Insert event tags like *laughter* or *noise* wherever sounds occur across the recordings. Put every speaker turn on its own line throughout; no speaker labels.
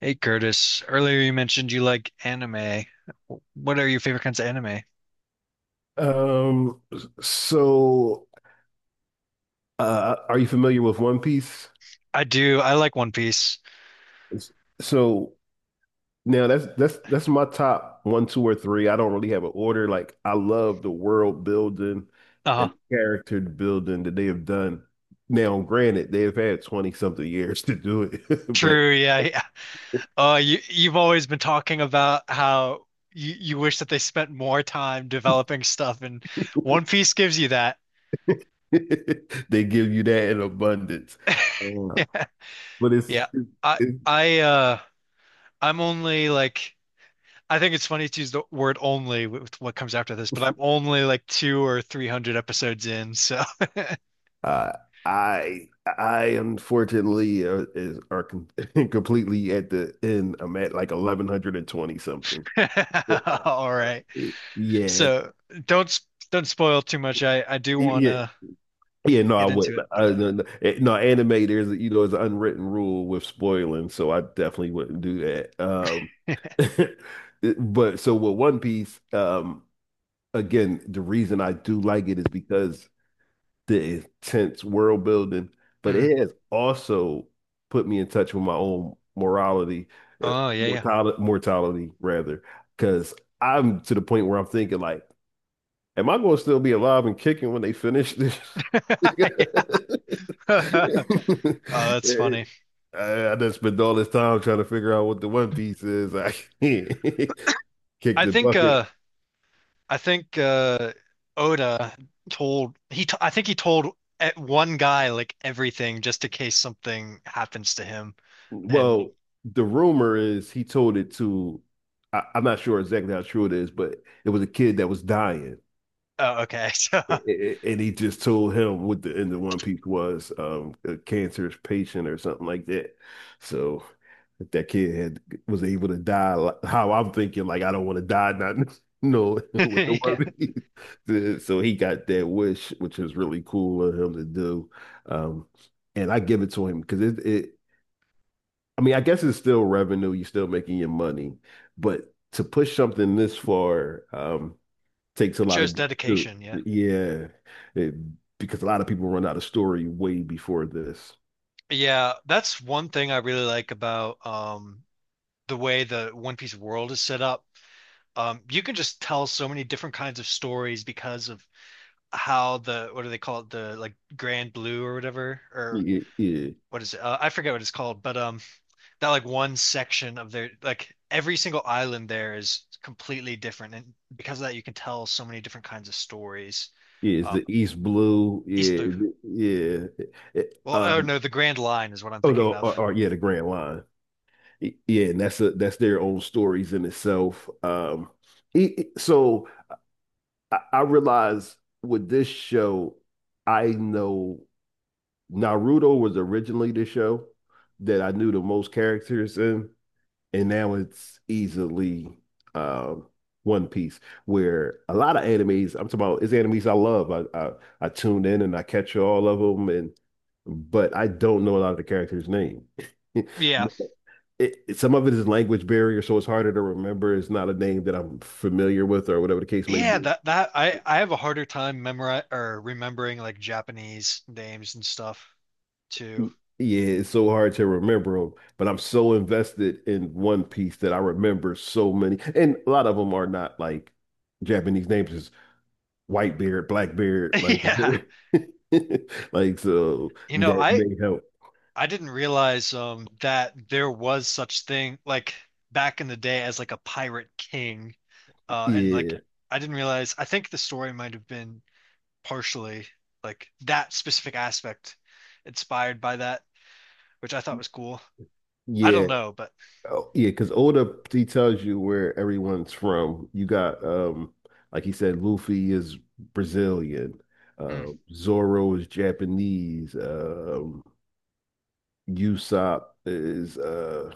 Hey Curtis, earlier you mentioned you like anime. What are your favorite kinds of anime?
Um, so are you familiar with One Piece?
I do. I like One Piece.
So now that's my top one, two, or three. I don't really have an order. Like, I love the world building and
Uh-huh.
character building that they have done. Now, granted, they have had 20 something years to do it, *laughs* but
True, yeah, yeah. You you've always been talking about how you wish that they spent more time developing stuff, and One Piece gives you that.
*laughs* they give you that in abundance.
*laughs*
Uh,
Yeah.
but
Yeah. I
it's
I I'm only like I think it's funny to use the word only with what comes after this, but I'm only like two or three hundred episodes in, so *laughs*
Uh, I I unfortunately is are com *laughs* completely at the end. I'm at like 1120 something. Yeah.
all right.
Yeah. Yeah.
So don't s- don't spoil too much. I do want
Yeah.
to
Yeah, no, I
get
wouldn't.
into it, but
I,
uh,
no, no, eh, no, anime, there's it's an unwritten rule with spoiling, so I definitely wouldn't do that. *laughs* But with One Piece, again, the reason I do like it is because the intense world building, but
mhm.
it has also put me in touch with my own morality, uh,
Oh yeah,
mortality, mortality rather, because I'm to the point where I'm thinking, like, am I going to still be alive and kicking when they finish this?
yeah.
*laughs*
*laughs* Yeah. *laughs* Oh, that's funny.
I done spent all this time trying to figure out what the One Piece is. I *laughs* can't kick
I
the
think
bucket.
uh I think Oda told he t I think he told one guy like everything just in case something happens to him. And
Well, the rumor is he told it to, I'm not sure exactly how true it is, but it was a kid that was dying.
oh, okay. *laughs* So
A-
*laughs*
a- a- And he just told him what the end of One Piece was, a cancerous patient or something like that. So if that kid had was able to die, like, how I'm thinking, like, I don't want to die, not *laughs* no *laughs* with the One
yeah.
Piece. *laughs* So he got that wish, which is really cool of him to do. Um, and I give it to him because it, I mean, I guess it's still revenue. You're still making your money, but to push something this far takes a
It
lot
shows
of guts, too.
dedication, yeah.
Yeah. It- because a lot of people run out of story way before this.
Yeah, that's one thing I really like about the way the One Piece world is set up. You can just tell so many different kinds of stories because of how the what do they call it the like Grand Blue or whatever or
Yeah, yeah,
what is it? I forget what it's called, but that like one section of their like every single island there is completely different, and because of that, you can tell so many different kinds of stories.
yeah. It's
Uh,
the East Blue.
East
Yeah,
Blue.
yeah. It-
Well, oh
um,
no, the Grand Line is what I'm
oh
thinking
no, or,
of.
or yeah, the Grand Line. Y- Yeah, and that's their own stories in itself. So I realize with this show, I know. Naruto was originally the show that I knew the most characters in, and now it's easily um, One Piece, where a lot of animes, I'm talking about, it's animes I love. I tune in and I catch all of them, and but I don't know a lot of the characters' name. *laughs*
Yeah,
Some of it is language barrier, so it's harder to remember. It's not a name that I'm familiar with, or whatever the case may
yeah,
be.
that I have a harder time memori or remembering like Japanese names and stuff too.
Y- Yeah, it's so hard to remember them, but I'm so invested in One Piece that I remember so many. And a lot of them are not like Japanese names, it's white beard, black beard,
*laughs*
like
Yeah.
*laughs* like, so
You know,
that
I
may help.
I didn't realize that there was such thing like back in the day as like a pirate king. And like
Yeah.
I didn't realize I think the story might have been partially like that specific aspect inspired by that, which I thought was cool. I
Yeah.
don't know, but
Oh, yeah, because Oda, he tells you where everyone's from. You got like he said, Luffy is Brazilian,
mm,
Zoro is Japanese, Usopp is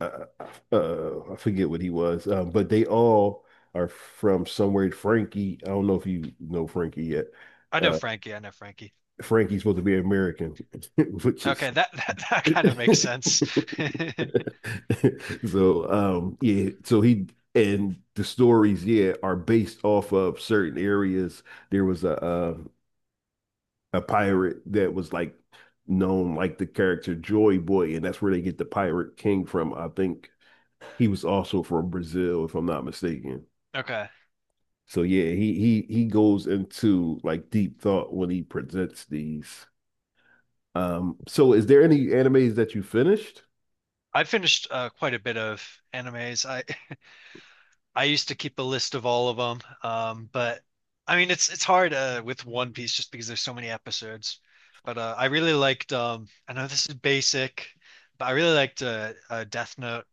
uh, I forget what he was, but they all are from somewhere. Frankie, I don't know if you know Frankie yet.
I know
Uh,
Frankie, I know Frankie.
Frankie's supposed to be American, *laughs* which is
Okay, that *laughs* that, that kind of makes sense. *laughs*
*laughs* so. Yeah, so he and the stories, yeah, are based off of certain areas. There was a pirate that was like known like the character Joy Boy, and that's where they get the Pirate King from. I think he was also from Brazil, if I'm not mistaken.
Okay.
So yeah, he goes into like deep thought when he presents these. So is there any animes that you finished?
I finished quite a bit of animes. I used to keep a list of all of them, but I mean it's hard with One Piece just because there's so many episodes. But I really liked. I know this is basic, but I really liked Death Note.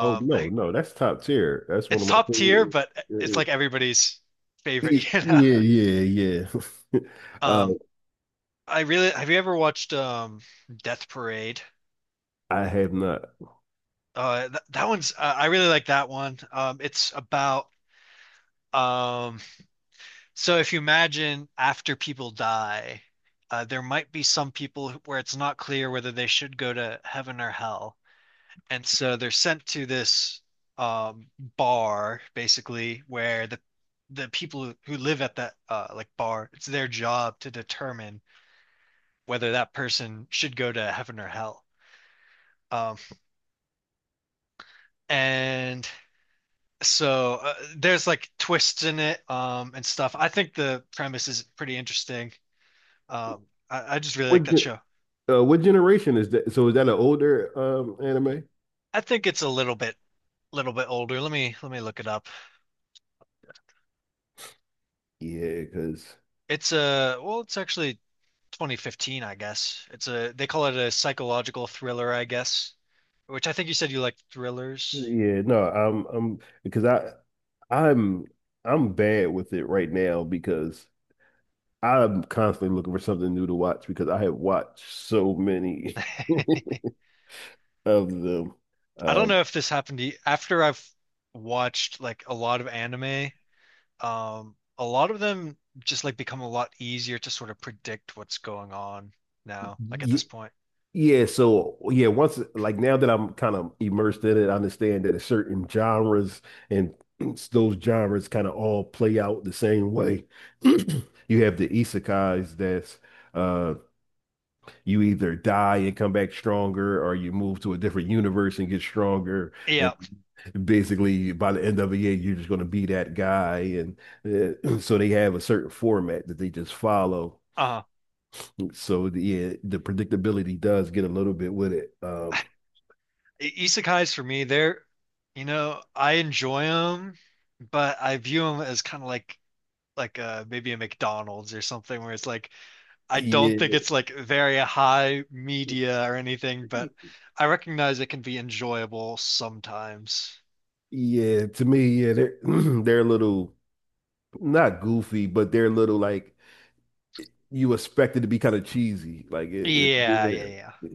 Oh no,
I
no, that's top tier. That's one
it's
of my
top tier, but it's
favorite.
like
*laughs*
everybody's
Yeah,
favorite, *laughs* you know.
yeah, yeah. Yeah. *laughs* Uh,
Um, I really have you ever watched Death Parade?
I have not.
Th that one's I really like that one. It's about um So if you imagine after people die, there might be some people who- where it's not clear whether they should go to heaven or hell. And so they're sent to this bar, basically, where the people who live at that like bar, it's their job to determine whether that person should go to heaven or hell. Um, and so there's like twists in it and stuff. I think the premise is pretty interesting. I just really like
What
that
ge-
show.
what generation is that? So is that an older anime?
I think it's a little bit older. Let me look it up.
Yeah, because
It's a well, it's actually 2015, I guess. It's a they call it a psychological thriller, I guess, which I think you said you like thrillers.
yeah, no, I'm because I'm I'm bad with it right now because I'm constantly looking for something new to watch because I have watched so many of them.
I don't
Um,
know if this happened to you. After I've watched like a lot of anime, a lot of them just like become a lot easier to sort of predict what's going on now, like at
yeah,
this point.
yeah, so, yeah, once, like, now that I'm kind of immersed in it, I understand that it's certain genres and *clears throat* those genres kind of all play out the same way. *clears throat* You have the isekais that's uh you either die and come back stronger, or you move to a different universe and get stronger. And
Yeah.
basically, by the end of the year, you're just going to be that guy. And *clears throat* so they have a certain format that they just follow.
Um
Yeah, the predictability does get a little bit with it.
Isekais for me, they're, you know, I enjoy them, but I view them as kind of like like maybe a McDonald's or something where it's like I don't think
Yeah,
it's like very high media or anything, but I recognize it can be enjoyable sometimes.
yeah. To me, yeah, they're *clears throat* they're a little not goofy, but they're a little like you expect it to be kind of cheesy.
Yeah, yeah, yeah.
Yeah.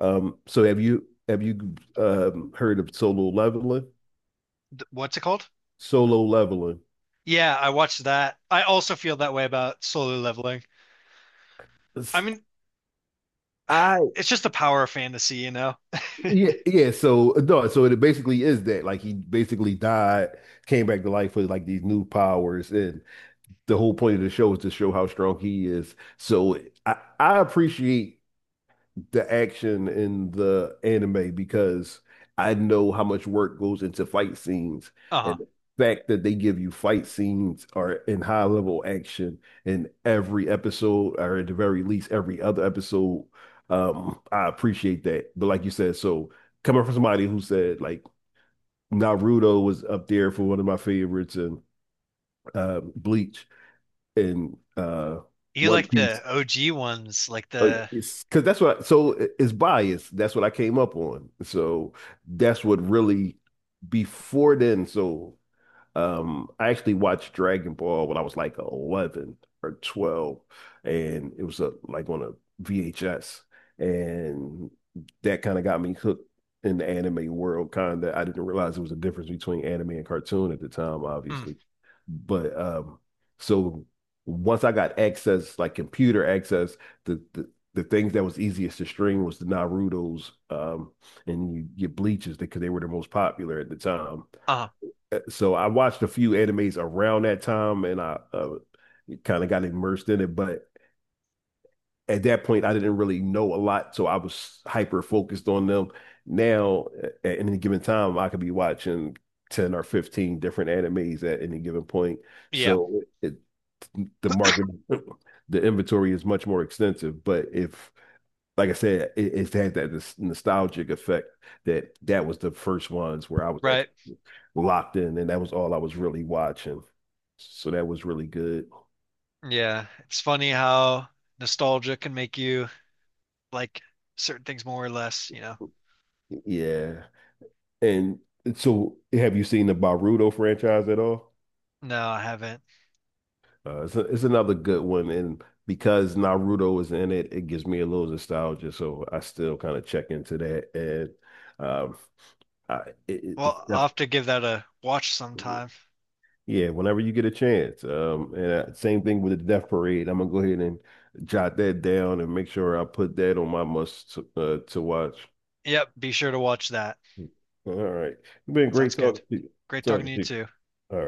So have you heard of solo leveling?
What's it called?
Solo leveling.
Yeah, I watched that. I also feel that way about solo leveling. I mean,
I
*sighs* it's just the power of fantasy, you know?
Yeah, yeah. So no, so it basically is that, like, he basically died, came back to life with like these new powers, and the whole point of the show is to show how strong he is. So I appreciate the action in the anime because I know how much work goes into fight scenes
Uh-huh.
and the fact that they give you fight scenes are in high level action in every episode or at the very least every other episode. I appreciate that. But like you said, so coming from somebody who said, like, Naruto was up there for one of my favorites and Bleach and
You
One
like
Piece.
the OG ones, like
Like,
the
it's because that's what I, so it's bias. That's what I came up on. So that's what really before then. So I actually watched Dragon Ball when I was like 11 or 12, and it was a, like on a VHS, and that kind of got me hooked in the anime world. Kind of, I didn't realize there was a difference between anime and cartoon at the time,
mm,
obviously. But so once I got access, like computer access, the things that was easiest to stream was the Naruto's and you get Bleaches because they were the most popular at the time.
uh-huh.
So I watched a few animes around that time, and I kind of got immersed in it. But at that point, I didn't really know a lot, so I was hyper focused on them. Now, at any given time, I could be watching 10 or 15 different animes at any given point.
Yeah,
So it, the market, *laughs* the inventory is much more extensive. But if, like I said, it had that nostalgic effect that that was the first ones where I was
right.
locked in, and that was all I was really watching. So that was really good.
Yeah. It's funny how nostalgia can make you like certain things more or less, you know.
Yeah. And so have you seen the Naruto franchise at all?
No, I haven't.
It's another good one. And because Naruto is in it, it gives me a little nostalgia. So I still kind of check into that. And I, it-
Well, I'll
It's
have to give that a watch
definitely.
sometime.
Yeah, whenever you get a chance. And Same thing with the Death Parade. I'm gonna go ahead and jot that down and make sure I put that on my must to watch.
Yep, be sure to watch that.
All right, it's been
Sounds
great
good.
talking to you.
Great talking
Talking
to you
to you.
too.
All right.